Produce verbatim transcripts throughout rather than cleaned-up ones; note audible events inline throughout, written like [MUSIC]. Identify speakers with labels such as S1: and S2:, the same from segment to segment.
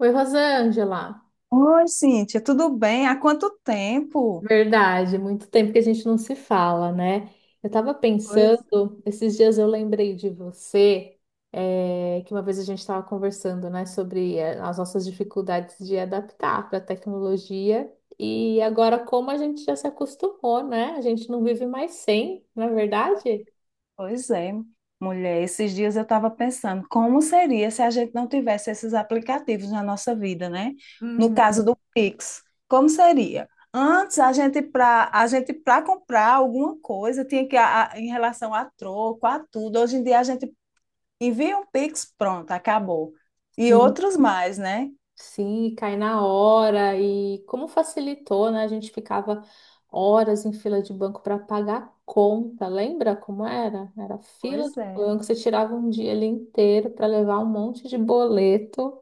S1: Oi, Rosângela.
S2: Oi, Cíntia, tudo bem? Há quanto tempo?
S1: Verdade, muito tempo que a gente não se fala, né? Eu tava
S2: Pois,
S1: pensando, esses dias eu lembrei de você, é, que uma vez a gente estava conversando, né, sobre é, as nossas dificuldades de adaptar para a tecnologia e agora como a gente já se acostumou, né? A gente não vive mais sem, não é verdade?
S2: pois é, mulher. Esses dias eu estava pensando como seria se a gente não tivesse esses aplicativos na nossa vida, né? No
S1: Uhum.
S2: caso do Pix, como seria? Antes a gente para a gente para comprar alguma coisa tinha que a- a- em relação a troco, a tudo. Hoje em dia a gente envia um Pix, pronto, acabou. E
S1: Sim.
S2: outros mais, né?
S1: Sim, e cai na hora e como facilitou, né? A gente ficava horas em fila de banco para pagar conta. Lembra como era? Era fila
S2: Pois
S1: do
S2: é.
S1: banco, você tirava um dia ali inteiro para levar um monte de boleto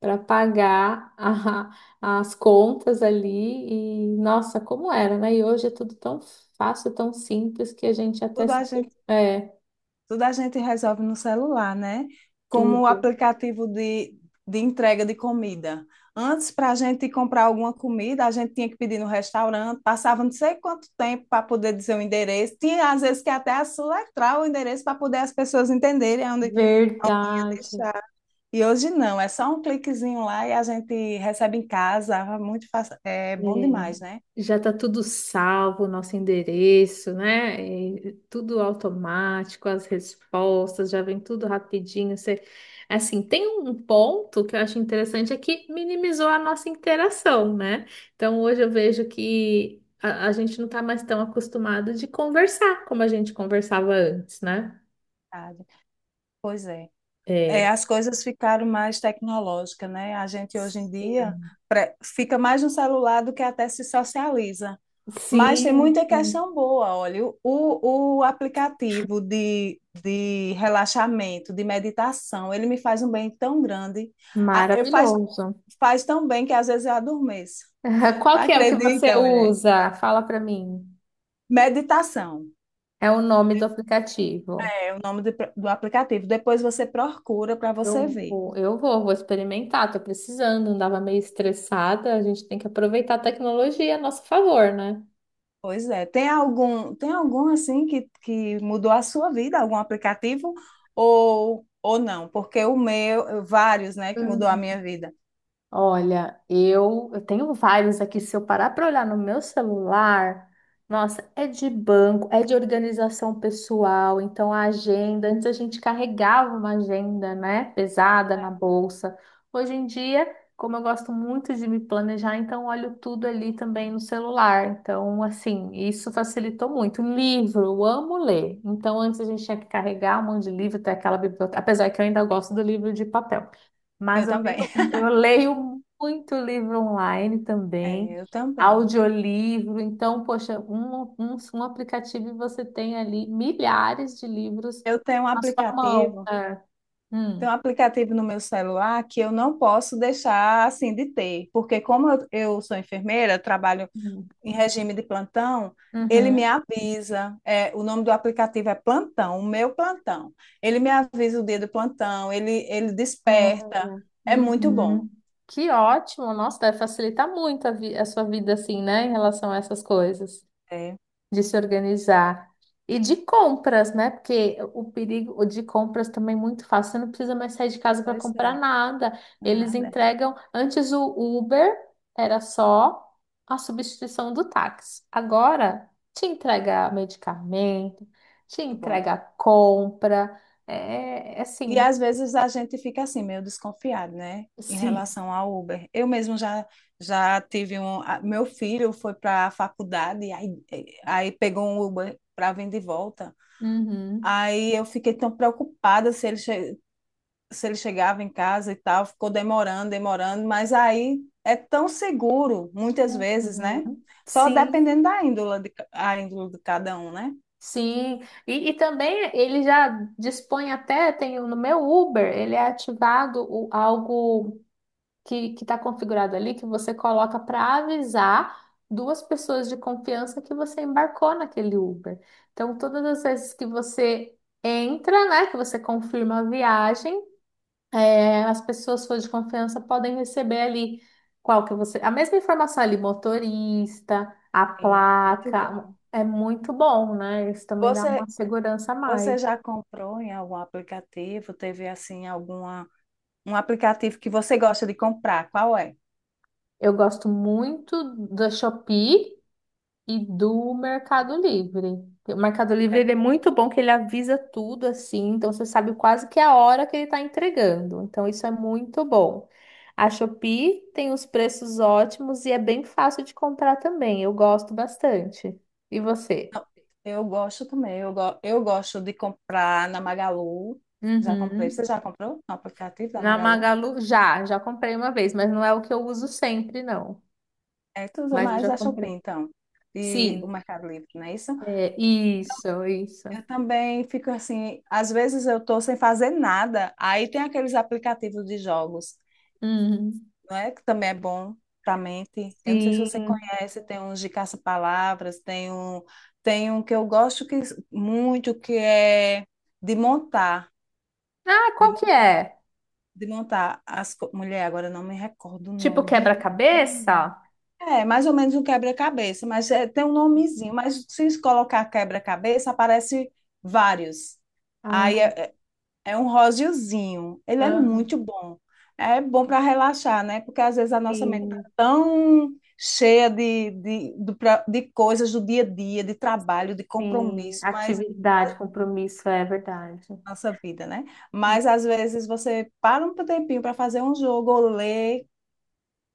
S1: para pagar [LAUGHS] a- as contas ali e nossa, como era, né? E hoje é tudo tão fácil, tão simples que a gente até
S2: Tudo a
S1: se...
S2: gente
S1: É,
S2: Tudo a gente resolve no celular, né? Como o
S1: tudo.
S2: aplicativo de, de entrega de comida. Antes, para a gente comprar alguma comida, a gente tinha que pedir no restaurante, passava não sei quanto tempo para poder dizer o endereço. Tinha, às vezes, que até soletrar o endereço para poder as pessoas entenderem onde, onde ia
S1: Verdade.
S2: deixar. E hoje não, é só um cliquezinho lá e a gente recebe em casa. Muito fácil. É bom demais, né?
S1: Já está tudo salvo, nosso endereço, né? E tudo automático, as respostas já vem tudo rapidinho. Você... Assim, tem um ponto que eu acho interessante é que minimizou a nossa interação, né? Então hoje eu vejo que a, a gente não está mais tão acostumado de conversar como a gente conversava antes, né?
S2: Verdade. Pois é. É,
S1: É.
S2: as coisas ficaram mais tecnológicas, né? A gente hoje em dia
S1: Sim,
S2: pre- fica mais no celular do que até se socializa. Mas tem
S1: sim,
S2: muita questão
S1: sim.
S2: boa, olha, o, o o aplicativo de, de relaxamento, de meditação, ele me faz um bem tão grande. Ah, eu faz,
S1: Maravilhoso.
S2: faz tão bem que às vezes eu adormeço.
S1: [LAUGHS]
S2: [LAUGHS]
S1: Qual que é o que você
S2: Acredita, mulher?
S1: usa? Fala para mim.
S2: Meditação
S1: É o nome do aplicativo.
S2: é o nome do, do aplicativo. Depois você procura para você
S1: Eu
S2: ver.
S1: vou, eu vou, vou experimentar, tô precisando, andava meio estressada, a gente tem que aproveitar a tecnologia a nosso favor, né?
S2: Pois é. Tem algum, tem algum assim que, que mudou a sua vida, algum aplicativo ou, ou não? Porque o meu, vários, né, que mudou a minha vida.
S1: Olha, eu, eu tenho vários aqui. Se eu parar para olhar no meu celular, nossa, é de banco, é de organização pessoal. Então, a agenda, antes a gente carregava uma agenda, né, pesada na bolsa. Hoje em dia, como eu gosto muito de me planejar, então olho tudo ali também no celular. Então, assim, isso facilitou muito. Um livro, eu amo ler. Então, antes a gente tinha que carregar um monte de livro, até aquela biblioteca, apesar que eu ainda gosto do livro de papel.
S2: É.
S1: Mas
S2: Eu
S1: eu leio,
S2: também. [LAUGHS]
S1: eu leio muito livro online também,
S2: É, eu também.
S1: audiolivro. Então, poxa, um, um, um aplicativo e você tem ali milhares de livros
S2: Eu tenho um
S1: na sua mão.
S2: aplicativo,
S1: É. Hum,
S2: tenho um aplicativo no meu celular que eu não posso deixar assim de ter, porque como eu, eu sou enfermeira, eu trabalho
S1: hum,
S2: em regime de plantão, ele me
S1: uhum,
S2: avisa, é, o nome do aplicativo é Plantão, o meu plantão. Ele me avisa o dia do plantão, ele, ele desperta,
S1: olha,
S2: é muito bom.
S1: uhum. Que ótimo! Nossa, deve facilitar muito a, vi- a sua vida assim, né, em relação a essas coisas.
S2: É,
S1: De se organizar. E de compras, né? Porque o perigo de compras também é muito fácil. Você não precisa mais sair de casa para
S2: pois é,
S1: comprar nada. Eles
S2: nada, é
S1: entregam. Antes o Uber era só a substituição do táxi. Agora te entrega medicamento, te
S2: muito bom.
S1: entrega compra. É é
S2: E
S1: assim.
S2: às vezes a gente fica assim, meio desconfiado, né?
S1: [LAUGHS]
S2: Em
S1: Sim.
S2: relação ao Uber. Eu mesmo já, já tive um. a- Meu filho foi para a faculdade, aí, aí pegou um Uber para vir de volta.
S1: Uhum.
S2: Aí eu fiquei tão preocupada se ele, che- se ele chegava em casa e tal, ficou demorando, demorando, mas aí é tão seguro, muitas vezes, né?
S1: Uhum.
S2: Só
S1: Sim.
S2: dependendo da índole de, a índole de cada um, né?
S1: Sim, e, e também ele já dispõe até, tem no meu Uber, ele é ativado o- algo que que está configurado ali, que você coloca para avisar duas pessoas de confiança que você embarcou naquele Uber. Então, todas as vezes que você entra, né, que você confirma a viagem, é, as pessoas suas de confiança podem receber ali qual que você, a mesma informação ali, motorista, a
S2: Sim, muito
S1: placa,
S2: bom.
S1: é muito bom, né? Isso também dá uma
S2: Você,
S1: segurança a mais.
S2: você já comprou em algum aplicativo? Teve, assim, alguma, um aplicativo que você gosta de comprar? Qual é?
S1: Eu gosto muito da Shopee e do Mercado Livre. O Mercado Livre
S2: É,
S1: ele é muito bom que ele avisa tudo assim, então você sabe quase que a hora que ele está entregando. Então isso é muito bom. A Shopee tem os preços ótimos e é bem fácil de comprar também. Eu gosto bastante. E você?
S2: não, eu gosto também. Eu, go- eu gosto de comprar na Magalu. Já comprei.
S1: Uhum.
S2: Você já comprou no aplicativo da
S1: Na
S2: Magalu?
S1: Magalu já, já comprei uma vez, mas não é o que eu uso sempre, não.
S2: É, tu usa
S1: Mas eu
S2: mais
S1: já
S2: a Shopee,
S1: comprei.
S2: então, e
S1: Sim,
S2: o Mercado Livre, não é isso?
S1: é isso, isso.
S2: Eu também fico assim, às vezes eu tô sem fazer nada, aí tem aqueles aplicativos de jogos,
S1: Uhum.
S2: não é? Que também é bom pra mente. Eu não sei se você
S1: Sim.
S2: conhece, tem uns de caça-palavras, tem um, tem um que eu gosto que, muito, que é de montar,
S1: Ah,
S2: de,
S1: qual que
S2: mon-
S1: é?
S2: de montar as... co- mulher, agora eu não me recordo o
S1: Tipo
S2: nome de...
S1: quebra-cabeça?
S2: É, mais ou menos um quebra-cabeça, mas é, tem um nomezinho. Mas se colocar quebra-cabeça, aparece vários. Aí
S1: Ah,
S2: é, é um rosiozinho. Ele é
S1: aham.
S2: muito bom. É bom para relaxar, né? Porque às vezes a nossa mente tá
S1: Sim,
S2: tão cheia de, de, do pra- de coisas do dia a dia, de trabalho, de
S1: sim.
S2: compromisso, mas
S1: Atividade, compromisso, é verdade.
S2: nossa vida, né?
S1: Hum.
S2: Mas às vezes você para um tempinho para fazer um jogo ou ler,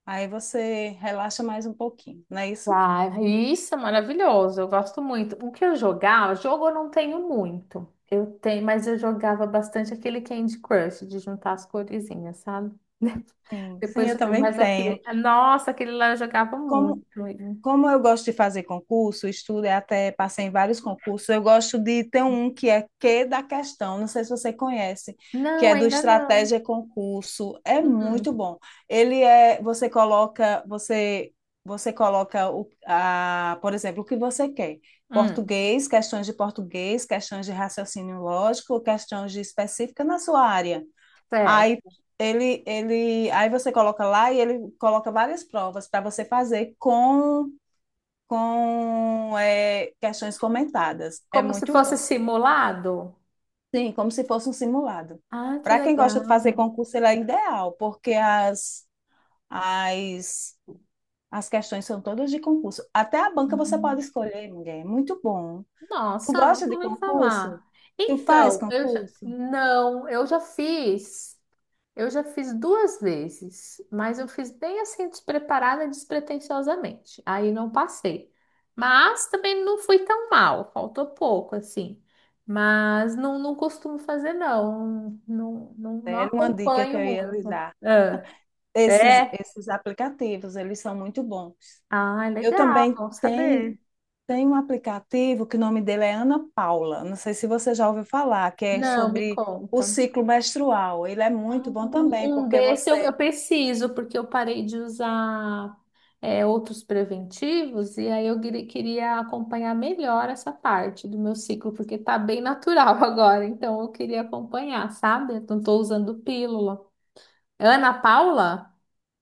S2: aí você relaxa mais um pouquinho, não é isso?
S1: Ah, isso é maravilhoso, eu gosto muito. O que eu jogava, jogo eu não tenho muito. Eu tenho, mas eu jogava bastante aquele Candy Crush, de juntar as coresinhas, sabe? [LAUGHS]
S2: Sim, sim,
S1: Depois
S2: eu
S1: eu tenho,
S2: também
S1: mas
S2: tenho.
S1: aquele, nossa, aquele lá eu jogava muito.
S2: Como, como eu gosto de fazer concurso, estudo e até passei em vários concursos, eu gosto de ter um que é que da questão, não sei se você conhece, que
S1: Não,
S2: é do
S1: ainda não.
S2: Estratégia Concurso. É muito
S1: Hum,
S2: bom. Ele é, você coloca, você você coloca o, a, por exemplo, o que você quer.
S1: hum,
S2: Português, questões de português, questões de raciocínio lógico, questões de específica na sua área. Aí
S1: certo.
S2: ele, ele, aí você coloca lá e ele coloca várias provas para você fazer com, com é, questões comentadas. É
S1: Como se
S2: muito bom.
S1: fosse simulado?
S2: Sim, como se fosse um simulado.
S1: Ah, que
S2: Para quem gosta de fazer
S1: legal.
S2: concurso, ele é ideal, porque as, as, as questões são todas de concurso. Até a banca você pode
S1: Uhum.
S2: escolher, mulher. É muito bom. Tu
S1: Nossa,
S2: gosta
S1: nunca
S2: de
S1: ouvi
S2: concurso?
S1: falar.
S2: Tu faz
S1: Então, eu já...
S2: concurso?
S1: Não, eu já fiz. Eu já fiz duas vezes, mas eu fiz bem assim, despreparada, despretensiosamente. Aí não passei. Mas também não fui tão mal, faltou pouco, assim. Mas não, não costumo fazer, não. Não, não, não
S2: Era uma dica que
S1: acompanho
S2: eu ia lhe
S1: muito.
S2: dar.
S1: Ah,
S2: Esses,
S1: é?
S2: esses aplicativos, eles são muito bons.
S1: Ah,
S2: Eu
S1: legal,
S2: também
S1: bom
S2: tenho,
S1: saber.
S2: tenho um aplicativo que o nome dele é Ana Paula. Não sei se você já ouviu falar, que é
S1: Não, me
S2: sobre o
S1: conta.
S2: ciclo menstrual. Ele é
S1: Ah,
S2: muito bom também,
S1: um
S2: porque
S1: desse eu,
S2: você
S1: eu preciso, porque eu parei de usar é, outros preventivos, e aí eu queri- queria acompanhar melhor essa parte do meu ciclo, porque tá bem natural [LAUGHS] agora, então eu queria acompanhar, sabe? Eu não tô usando pílula. Ana Paula?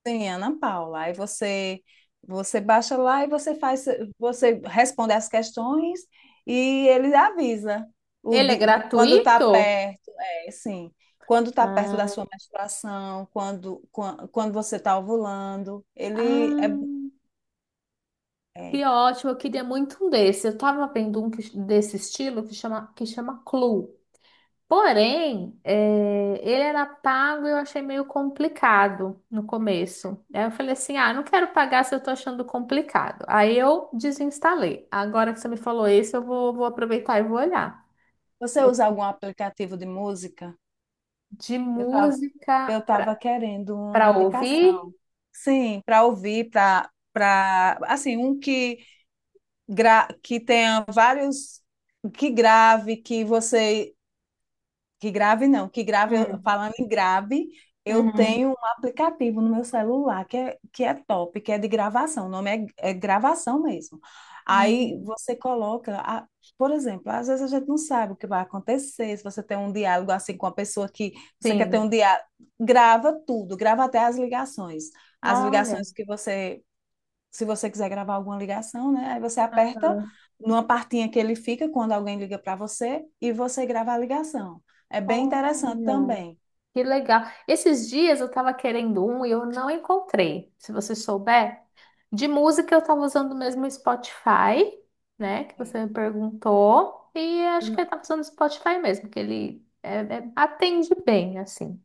S2: tem Ana Paula. Aí você você baixa lá e você faz, você responde as questões e ele avisa o
S1: Ele é
S2: di- quando está
S1: gratuito?
S2: perto, é, sim, quando está perto da
S1: Ah,
S2: sua menstruação, quando, quan- quando você está ovulando. Ele é,
S1: ah,
S2: é,
S1: que ótimo, eu queria muito um desse. Eu tava vendo um que- desse estilo que chama, que chama Clue. Porém, eh, ele era pago e eu achei meio complicado no começo. Aí eu falei assim: ah, não quero pagar se eu tô achando complicado. Aí eu desinstalei. Agora que você me falou isso, eu vou, vou aproveitar e vou olhar.
S2: você usa algum aplicativo de música?
S1: De
S2: Eu tava,
S1: música
S2: eu tava querendo uma
S1: para ouvir?
S2: indicação. Sim, para ouvir, para para assim, um que gra, que tenha vários que grave, que você que grave não, que grave, eu-
S1: Hum,
S2: falando em grave, eu tenho
S1: uhum.
S2: um aplicativo no meu celular que é, que é top, que é de gravação, o nome é, é gravação mesmo. Aí
S1: Hum,
S2: você coloca, a- por exemplo, às vezes a gente não sabe o que vai acontecer, se você tem um diálogo assim com a pessoa que você quer ter um
S1: sim.
S2: diálogo, grava tudo, grava até as ligações, as
S1: Olha,
S2: ligações que você se você quiser gravar alguma ligação, né? Aí você aperta numa partinha que ele fica quando alguém liga para você e você grava a ligação. É bem interessante
S1: olha.
S2: também.
S1: Que legal. Esses dias eu tava querendo um e eu não encontrei. Se você souber, de música eu tava usando mesmo o Spotify, né? Que
S2: Sim.
S1: você me perguntou. E
S2: Eu
S1: acho que
S2: não,
S1: eu tava usando o Spotify mesmo, que ele é- é- atende bem, assim.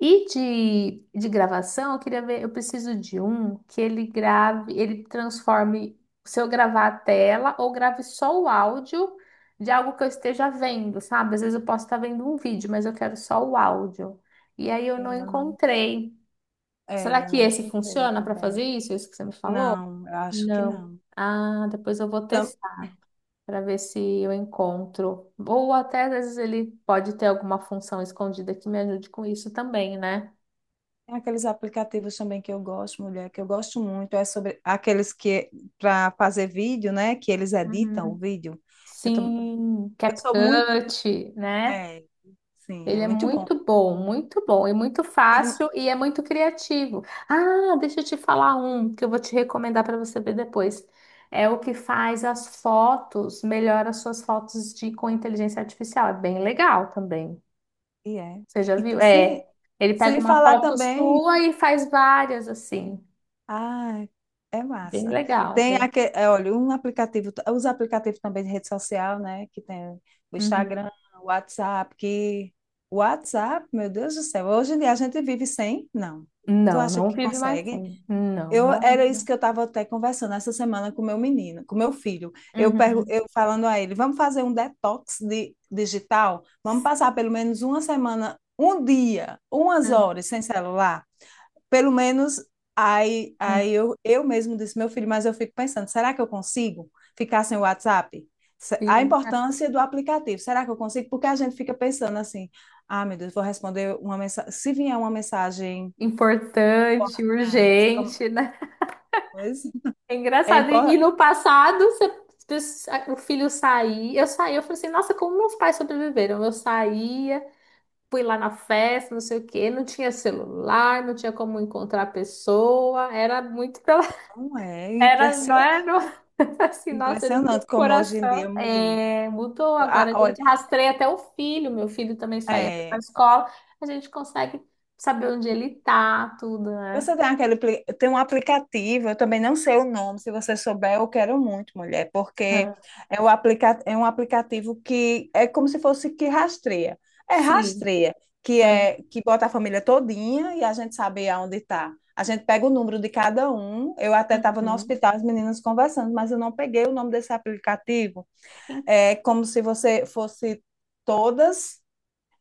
S1: E de, de gravação, eu queria ver, eu preciso de um que ele grave, ele transforme, se eu gravar a tela ou grave só o áudio de algo que eu esteja vendo, sabe? Às vezes eu posso estar vendo um vídeo, mas eu quero só o áudio. E aí eu não
S2: eu não,
S1: encontrei. Será
S2: é, eu
S1: que
S2: não
S1: esse
S2: encontrei
S1: funciona para fazer
S2: também.
S1: isso? Isso que você me falou?
S2: Não, eu acho que
S1: Não.
S2: não.
S1: Ah, depois eu vou
S2: Tam-
S1: testar para ver se eu encontro. Ou até às vezes ele pode ter alguma função escondida que me ajude com isso também, né?
S2: Tem aqueles aplicativos também que eu gosto, mulher, que eu gosto muito, é sobre aqueles que para fazer vídeo, né? Que eles editam o
S1: Uhum.
S2: vídeo. Eu, tam-
S1: Sim,
S2: eu sou muito.
S1: CapCut, né?
S2: É, sim, é
S1: Ele é
S2: muito bom.
S1: muito bom, muito bom e muito
S2: Tira um-
S1: fácil e é muito criativo. Ah, deixa eu te falar um que eu vou te recomendar para você ver depois. É o que faz as fotos, melhora as suas fotos de com inteligência artificial. É bem legal também.
S2: E é.
S1: Você já
S2: E, t-
S1: viu?
S2: sim,
S1: É, ele pega
S2: sem
S1: uma
S2: falar
S1: foto
S2: também,
S1: sua e faz várias assim.
S2: ah, é
S1: Bem
S2: massa.
S1: legal,
S2: Tem
S1: bem.
S2: aquele, olha, um aplicativo, os aplicativos também de rede social, né? Que tem o
S1: Uhum.
S2: Instagram, o WhatsApp, que o WhatsApp, meu Deus do céu, hoje em dia a gente vive sem? Não. Tu
S1: Não,
S2: acha
S1: não
S2: que
S1: vive mais
S2: consegue?
S1: sem. Não,
S2: Eu era isso
S1: não.
S2: que eu estava até conversando essa semana com meu menino, com meu filho. Eu pergu- eu falando a ele, vamos fazer um detox de, digital? Vamos passar pelo menos uma semana, um dia, umas
S1: Uhum.
S2: horas sem celular? Pelo menos aí, aí eu, eu mesmo disse, meu filho, mas eu fico pensando, será que eu consigo ficar sem o WhatsApp? Se- A
S1: Sim,
S2: importância do aplicativo, será que eu consigo? Porque a gente fica pensando assim, ah, meu Deus, vou responder uma mensagem, se vier uma mensagem
S1: importante,
S2: importante, como...
S1: urgente, né?
S2: Pois
S1: É
S2: é,
S1: engraçado. E
S2: impor-
S1: e no passado, você- o filho saía, eu saía, eu falei assim, nossa, como meus pais sobreviveram? Eu saía, fui lá na festa, não sei o quê, não tinha celular, não tinha como encontrar a pessoa, era muito pela...
S2: não
S1: [LAUGHS]
S2: é
S1: Era, não era,
S2: impressionante,
S1: não- [LAUGHS] assim, nossa, ele tinha
S2: impressionante
S1: um
S2: como hoje em
S1: coração.
S2: dia mudou.
S1: É, mudou,
S2: Ah,
S1: agora a
S2: olha,
S1: gente rastreia até o filho, meu filho também saía para a
S2: é,
S1: escola, a gente consegue saber onde ele tá, tudo, né?
S2: você tem aquele, apli- tem um aplicativo, eu também não sei o nome, se você souber, eu quero muito, mulher, porque é, o aplica, é um aplicativo que é como se fosse que rastreia. É
S1: Sim.
S2: rastreia, que
S1: Uhum.
S2: é que bota a família todinha e a gente sabe aonde está. A gente pega o número de cada um. Eu até estava no
S1: Uhum.
S2: hospital, as meninas conversando, mas eu não peguei o nome desse aplicativo.
S1: Sim,
S2: É como se você fosse todas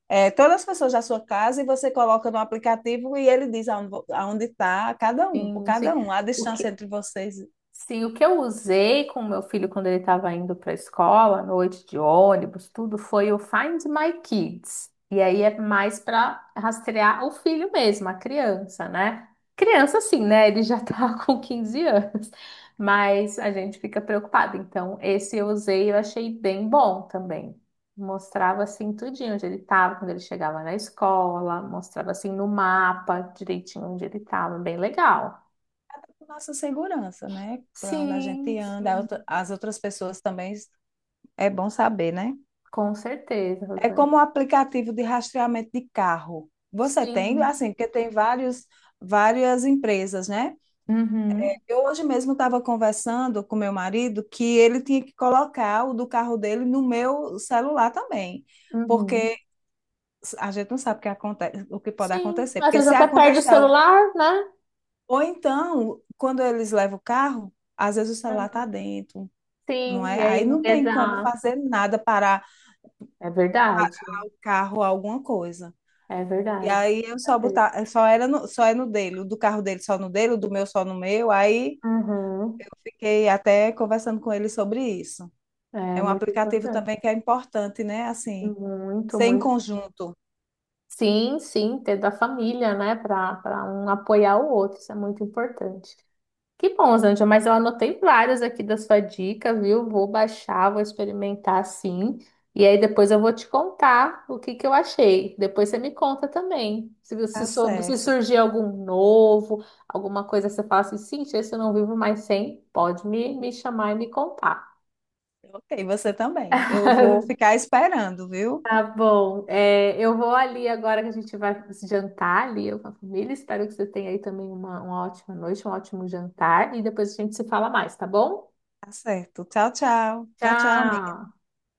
S2: é, todas as pessoas da sua casa e você coloca no aplicativo e ele diz aonde está cada um, por
S1: sim. Sim.
S2: cada um, a
S1: O
S2: distância
S1: que,
S2: entre vocês,
S1: sim, o que eu usei com o meu filho quando ele estava indo para a escola, à noite de ônibus, tudo foi o Find My Kids. E aí é mais para rastrear o filho mesmo, a criança, né? Criança, sim, né? Ele já tá [LAUGHS] com quinze anos, mas a gente fica preocupado. Então, esse eu usei, e eu achei bem bom também. Mostrava assim tudinho onde ele estava quando ele chegava na escola, mostrava assim no mapa direitinho onde ele estava, bem legal.
S2: nossa segurança, né? Para onde a
S1: Sim,
S2: gente anda,
S1: sim.
S2: as outras pessoas também é bom saber, né?
S1: Com certeza,
S2: É
S1: Rosane.
S2: como um aplicativo de rastreamento de carro. Você tem,
S1: Sim.
S2: assim, porque tem vários, várias empresas, né?
S1: Uhum,
S2: Eu hoje mesmo estava conversando com meu marido que ele tinha que colocar o do carro dele no meu celular também porque
S1: uhum.
S2: a gente não sabe o que acontece, o que pode
S1: Sim.
S2: acontecer.
S1: Às
S2: Porque
S1: vezes
S2: se
S1: até perde o
S2: acontecer algo,
S1: celular, né?
S2: ou então, quando eles levam o carro, às vezes o celular está
S1: Uhum.
S2: dentro, não
S1: Sim,
S2: é?
S1: e
S2: Aí
S1: aí não.
S2: não tem como
S1: Exato.
S2: fazer nada para
S1: É verdade.
S2: o carro alguma coisa.
S1: É
S2: E
S1: verdade.
S2: aí eu
S1: Com
S2: só
S1: certeza.
S2: botar, só era no, só é no dele, o do carro dele só no dele, o do meu só no meu. Aí eu
S1: Uhum.
S2: fiquei até conversando com ele sobre isso.
S1: É
S2: É um
S1: muito
S2: aplicativo
S1: importante.
S2: também que é importante, né? Assim,
S1: Muito,
S2: ser em
S1: muito.
S2: conjunto.
S1: Sim, sim, ter da família, né? Para para um apoiar o outro, isso é muito importante. Que bom, Zândia, mas eu anotei várias aqui da sua dica, viu? Vou baixar, vou experimentar sim. E aí depois eu vou te contar o que que eu achei. Depois você me conta também. Se, se,
S2: Tá
S1: sou- se
S2: certo.
S1: surgir algum novo, alguma coisa que você fala assim, sim, esse eu não vivo mais sem, pode me, me chamar e me contar.
S2: Ok, você também. Eu vou
S1: [LAUGHS]
S2: ficar esperando, viu?
S1: Tá bom. É, eu vou ali agora que a gente vai jantar ali, eu com a família. Espero que você tenha aí também uma uma ótima noite, um ótimo jantar. E depois a gente se fala mais, tá bom?
S2: Tá certo. Tchau, tchau. Tchau, tchau, amiga.
S1: Tchau!